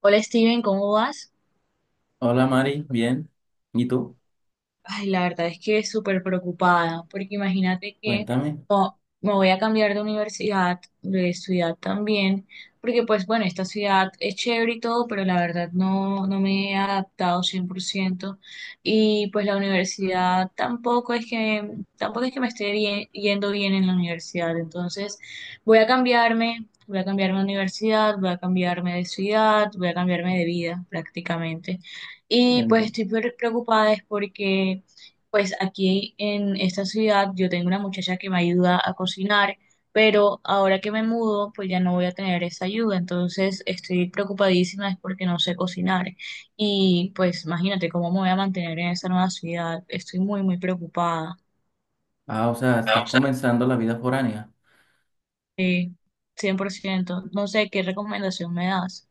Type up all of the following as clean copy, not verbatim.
Hola Steven, ¿cómo vas? Hola Mari, bien. ¿Y tú? Ay, la verdad es que súper preocupada, porque imagínate que, Cuéntame. oh, me voy a cambiar de universidad, de ciudad también, porque pues bueno, esta ciudad es chévere y todo, pero la verdad no, no me he adaptado 100%, y pues la universidad tampoco es que, me esté yendo bien en la universidad. Entonces voy a cambiarme de universidad, voy a cambiarme de ciudad, voy a cambiarme de vida prácticamente. Y pues Entiendo. estoy preocupada es porque pues aquí en esta ciudad yo tengo una muchacha que me ayuda a cocinar, pero ahora que me mudo pues ya no voy a tener esa ayuda. Entonces estoy preocupadísima es porque no sé cocinar y pues imagínate cómo me voy a mantener en esa nueva ciudad. Estoy muy muy preocupada. Ah, o sea, Ah, estás o sea, comenzando la vida foránea. sí, 100% no sé qué recomendación me das.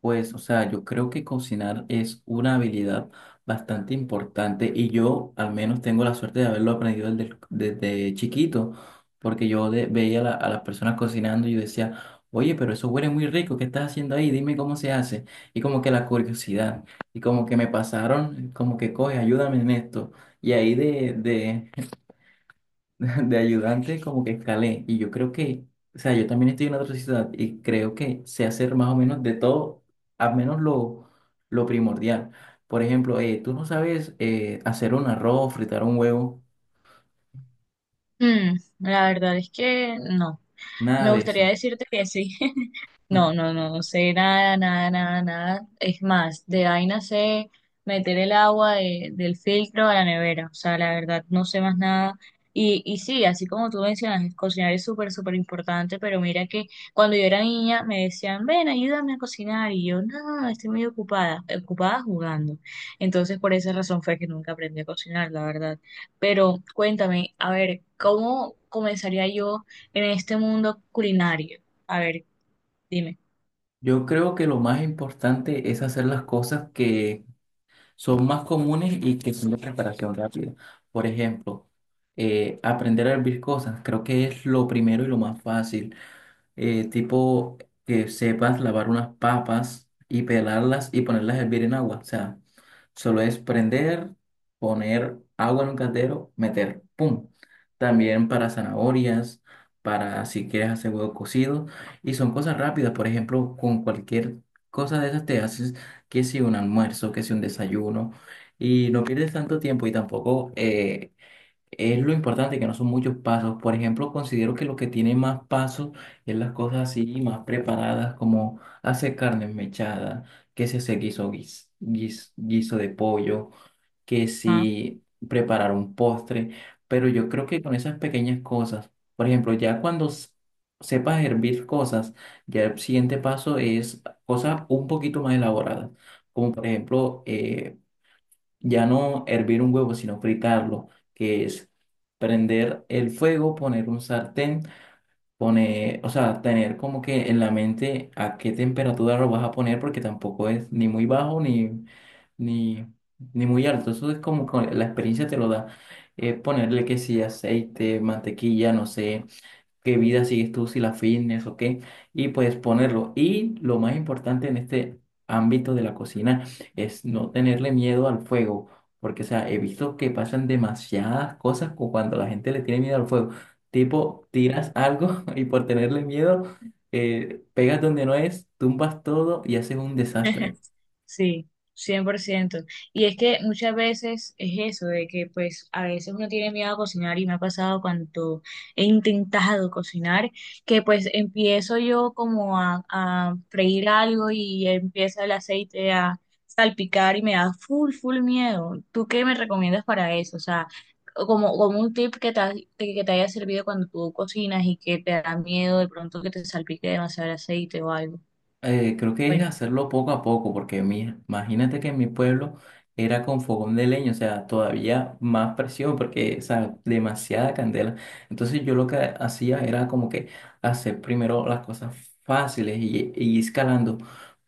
Pues, o sea, yo creo que cocinar es una habilidad bastante importante y yo al menos tengo la suerte de haberlo aprendido desde chiquito, porque yo veía a, a las personas cocinando y yo decía, oye, pero eso huele muy rico, ¿qué estás haciendo ahí? Dime cómo se hace. Y como que la curiosidad, y como que me pasaron, como que coge, ayúdame en esto. Y ahí de de ayudante como que escalé y yo creo que, o sea, yo también estoy en otra ciudad y creo que sé hacer más o menos de todo, al menos lo primordial. Por ejemplo, tú no sabes hacer un arroz, fritar un huevo, La verdad es que no, me nada de gustaría eso. decirte que sí. No, no, no, no sé nada, nada, nada, nada. Es más, de vaina sé meter el agua del filtro a la nevera. O sea, la verdad, no sé más nada. Y sí, así como tú mencionas, el cocinar es súper, súper importante, pero mira que cuando yo era niña me decían: ven, ayúdame a cocinar. Y yo: no, estoy muy ocupada, ocupada jugando. Entonces, por esa razón fue que nunca aprendí a cocinar, la verdad. Pero cuéntame, a ver, ¿cómo comenzaría yo en este mundo culinario? A ver, dime. Yo creo que lo más importante es hacer las cosas que son más comunes y que son de preparación rápida. Por ejemplo, aprender a hervir cosas, creo que es lo primero y lo más fácil. Tipo que sepas lavar unas papas y pelarlas y ponerlas a hervir en agua. O sea, solo es prender, poner agua en un caldero, meter, ¡pum! También para zanahorias, para si quieres hacer huevo cocido. Y son cosas rápidas, por ejemplo, con cualquier cosa de esas te haces que si un almuerzo, que si un desayuno. Y no pierdes tanto tiempo y tampoco es lo importante que no son muchos pasos. Por ejemplo, considero que lo que tiene más pasos es las cosas así más preparadas, como hacer carne mechada, que si hacer guiso de pollo, que Ajá. si preparar un postre. Pero yo creo que con esas pequeñas cosas, por ejemplo, ya cuando sepas hervir cosas, ya el siguiente paso es cosas un poquito más elaboradas, como por ejemplo ya no hervir un huevo, sino fritarlo, que es prender el fuego, poner un sartén, poner, o sea, tener como que en la mente a qué temperatura lo vas a poner, porque tampoco es ni muy bajo ni, ni muy alto. Eso es como que la experiencia te lo da. Ponerle que si aceite, mantequilla, no sé qué vida sigues tú, si la fitness o qué, y puedes ponerlo. Y lo más importante en este ámbito de la cocina es no tenerle miedo al fuego, porque, o sea, he visto que pasan demasiadas cosas cuando la gente le tiene miedo al fuego. Tipo, tiras algo y por tenerle miedo, pegas donde no es, tumbas todo y haces un desastre. Sí, 100%. Y es que muchas veces es eso, de que pues a veces uno tiene miedo a cocinar y me ha pasado cuando he intentado cocinar, que pues empiezo yo como a freír algo y empieza el aceite a salpicar y me da full, full miedo. ¿Tú qué me recomiendas para eso? O sea, como un tip que te haya servido cuando tú cocinas y que te da miedo de pronto que te salpique demasiado el aceite o algo. Creo que es hacerlo poco a poco, porque imagínate que en mi pueblo era con fogón de leña, o sea, todavía más presión, porque, o sea, demasiada candela. Entonces yo lo que hacía era como que hacer primero las cosas fáciles y escalando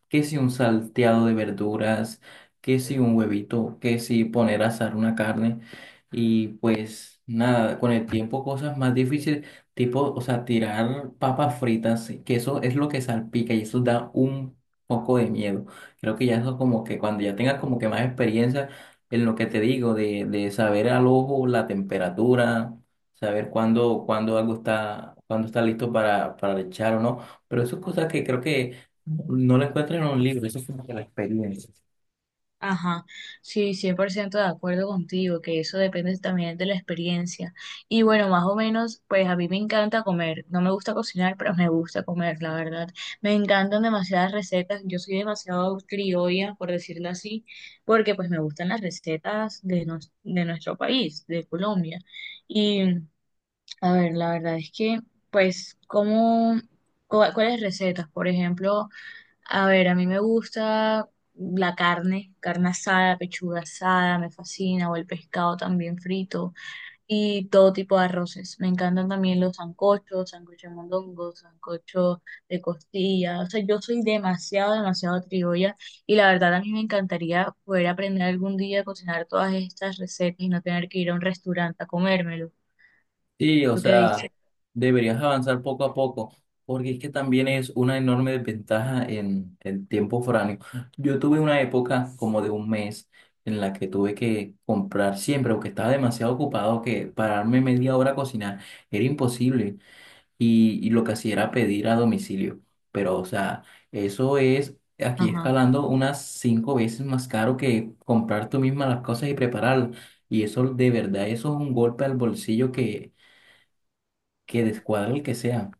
que si un salteado de verduras, que si un huevito, que si poner a asar una carne y pues nada, con el tiempo cosas más difíciles, tipo, o sea, tirar papas fritas, que eso es lo que salpica y eso da un poco de miedo. Creo que ya eso como que cuando ya tengas como que más experiencia en lo que te digo, de saber al ojo la temperatura, saber cuándo algo está, cuándo está listo para echar o no, pero eso es cosas que creo que no la encuentras en un libro, eso es como que la experiencia. Ajá, sí, 100% de acuerdo contigo, que eso depende también de la experiencia. Y bueno, más o menos, pues a mí me encanta comer. No me gusta cocinar, pero me gusta comer, la verdad. Me encantan demasiadas recetas. Yo soy demasiado criolla, por decirlo así, porque pues me gustan las recetas de nuestro país, de Colombia. Y a ver, la verdad es que, pues, cuáles recetas? Por ejemplo... A ver, a mí me gusta la carne, carne asada, pechuga asada, me fascina, o el pescado también frito, y todo tipo de arroces. Me encantan también los sancochos, sancocho de mondongo, sancocho de costilla. O sea, yo soy demasiado, demasiado criolla, y la verdad a mí me encantaría poder aprender algún día a cocinar todas estas recetas y no tener que ir a un restaurante a comérmelo. Sí, o ¿Tú qué sea, dices? deberías avanzar poco a poco, porque es que también es una enorme desventaja en el tiempo foráneo. Yo tuve una época como de un mes en la que tuve que comprar siempre, porque estaba demasiado ocupado que pararme media hora a cocinar era imposible. Y lo que hacía era pedir a domicilio. Pero, o sea, eso es aquí Ajá, escalando unas cinco veces más caro que comprar tú misma las cosas y prepararlas. Y eso, de verdad, eso es un golpe al bolsillo que descuadra el que sea.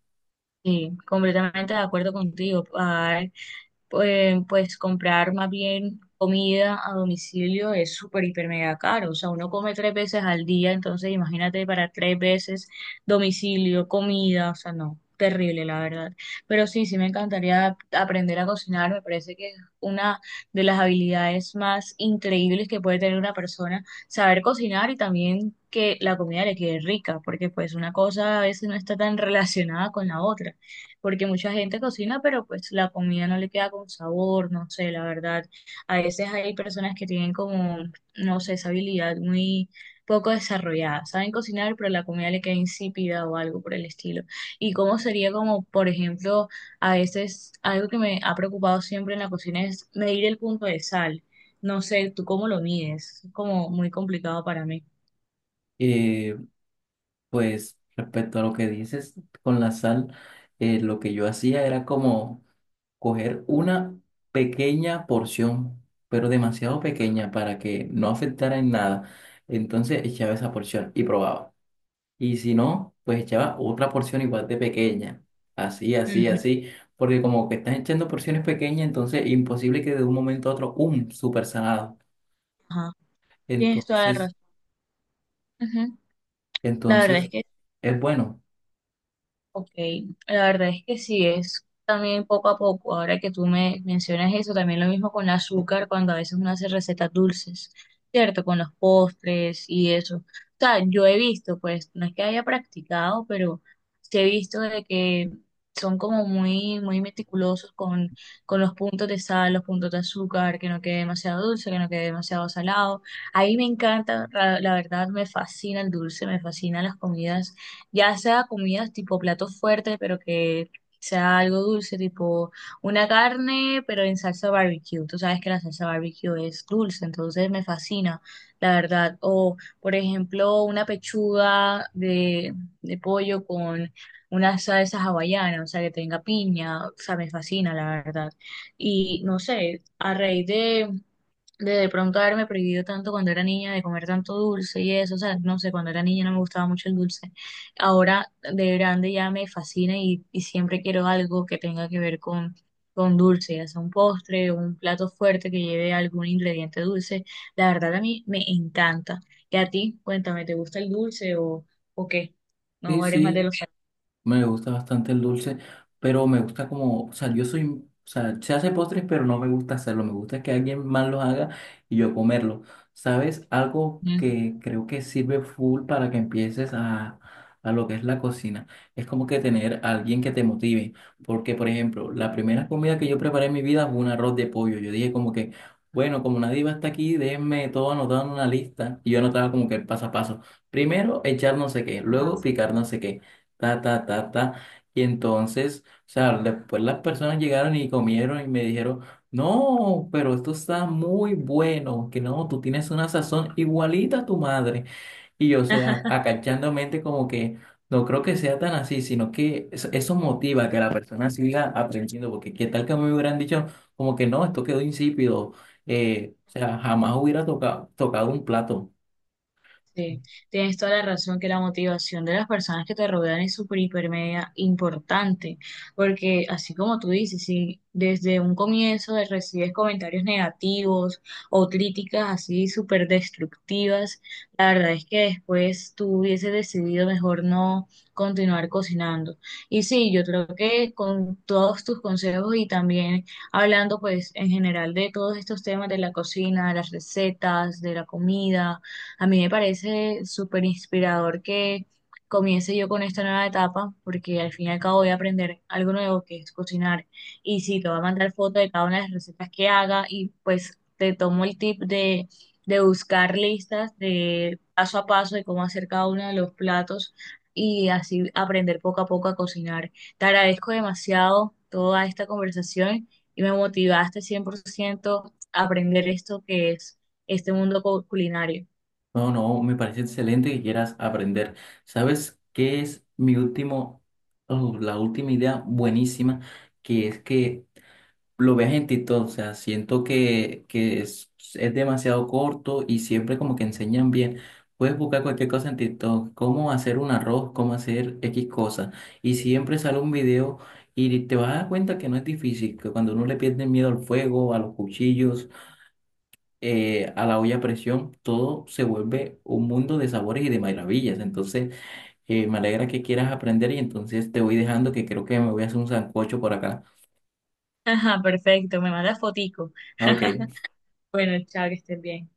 sí, completamente de acuerdo contigo. Ah, pues comprar más bien comida a domicilio es súper, hiper, mega caro. O sea, uno come tres veces al día, entonces imagínate para tres veces domicilio, comida, o sea, no, terrible, la verdad. Pero sí, sí me encantaría aprender a cocinar. Me parece que es una de las habilidades más increíbles que puede tener una persona, saber cocinar y también que la comida le quede rica, porque pues una cosa a veces no está tan relacionada con la otra, porque mucha gente cocina, pero pues la comida no le queda con sabor, no sé, la verdad. A veces hay personas que tienen como, no sé, esa habilidad muy poco desarrollada. Saben cocinar, pero la comida le queda insípida o algo por el estilo. Y cómo sería como, por ejemplo, a veces algo que me ha preocupado siempre en la cocina es medir el punto de sal. No sé, ¿tú cómo lo mides? Es como muy complicado para mí. Eh, pues, respecto a lo que dices con la sal, lo que yo hacía era como coger una pequeña porción, pero demasiado pequeña para que no afectara en nada. Entonces echaba esa porción y probaba. Y si no, pues echaba otra porción igual de pequeña. Así, así, Ujú. así. Porque como que estás echando porciones pequeñas, entonces imposible que de un momento a otro, ¡um! Súper salado. Ajá. Tienes toda la Entonces, razón. Ujú. La verdad es entonces, que... es bueno. Ok, la verdad es que sí, es también poco a poco. Ahora que tú me mencionas eso, también lo mismo con el azúcar, cuando a veces uno hace recetas dulces, ¿cierto? Con los postres y eso. O sea, yo he visto, pues, no es que haya practicado, pero sí he visto de que son como muy, muy meticulosos con, los puntos de sal, los puntos de azúcar, que no quede demasiado dulce, que no quede demasiado salado. Ahí me encanta, la verdad, me fascina el dulce, me fascinan las comidas, ya sea comidas tipo plato fuerte pero que sea algo dulce, tipo una carne, pero en salsa barbecue. Tú sabes que la salsa barbecue es dulce, entonces me fascina, la verdad. O, por ejemplo, una pechuga de pollo con una salsa hawaiana, o sea, que tenga piña, o sea, me fascina, la verdad. Y no sé, a raíz de pronto haberme prohibido tanto cuando era niña de comer tanto dulce y eso, o sea, no sé, cuando era niña no me gustaba mucho el dulce. Ahora de grande ya me fascina y siempre quiero algo que tenga que ver con, dulce, ya sea un postre o un plato fuerte que lleve algún ingrediente dulce. La verdad a mí me encanta. Y a ti, cuéntame, ¿te gusta el dulce o qué? Sí, No, ¿eres más de sí. los Me gusta bastante el dulce, pero me gusta como, o sea, yo soy, o sea, se hace postres, pero no me gusta hacerlo. Me gusta que alguien más los haga y yo comerlo. ¿Sabes? Algo que creo que sirve full para que empieces a lo que es la cocina. Es como que tener a alguien que te motive. Porque, por ejemplo, la primera comida que yo preparé en mi vida fue un arroz de pollo. Yo dije como que, bueno, como nadie va hasta aquí, déjenme todo anotado en una lista. Y yo anotaba como que el paso a paso. Primero, echar no sé qué, luego salados? picar no sé qué ta, ta, ta, ta. Y entonces, o sea, después las personas llegaron y comieron y me dijeron, no, pero esto está muy bueno, que no, tú tienes una sazón igualita a tu madre. Y yo, o sea, acachándome como que no creo que sea tan así, sino que eso motiva que la persona siga aprendiendo, porque qué tal que me hubieran dicho como que no, esto quedó insípido, o sea, jamás hubiera tocado un plato. Sí, tienes toda la razón que la motivación de las personas que te rodean es súper, hiper, media importante, porque así como tú dices, si desde un comienzo recibes comentarios negativos o críticas así súper destructivas, la verdad es que después tú hubieses decidido mejor no continuar cocinando. Y sí, yo creo que con todos tus consejos y también hablando pues en general de todos estos temas de la cocina, de las recetas, de la comida, a mí me parece súper inspirador que comience yo con esta nueva etapa, porque al fin y al cabo voy a aprender algo nuevo que es cocinar. Y sí, te voy a mandar foto de cada una de las recetas que haga y pues te tomo el tip de buscar listas de paso a paso de cómo hacer cada uno de los platos y así aprender poco a poco a cocinar. Te agradezco demasiado toda esta conversación y me motivaste 100% a aprender esto que es este mundo culinario. No, no, me parece excelente que quieras aprender. ¿Sabes qué es mi la última idea buenísima? Que es que lo veas en TikTok, o sea, siento que, es demasiado corto y siempre como que enseñan bien. Puedes buscar cualquier cosa en TikTok, cómo hacer un arroz, cómo hacer X cosa. Y siempre sale un video y te vas a dar cuenta que no es difícil, que cuando uno le pierde miedo al fuego, a los cuchillos a la olla a presión, todo se vuelve un mundo de sabores y de maravillas. Entonces, me alegra que quieras aprender y entonces te voy dejando que creo que me voy a hacer un sancocho por acá. Ajá, perfecto, me manda fotico. Ok. Bueno, chao, que estén bien.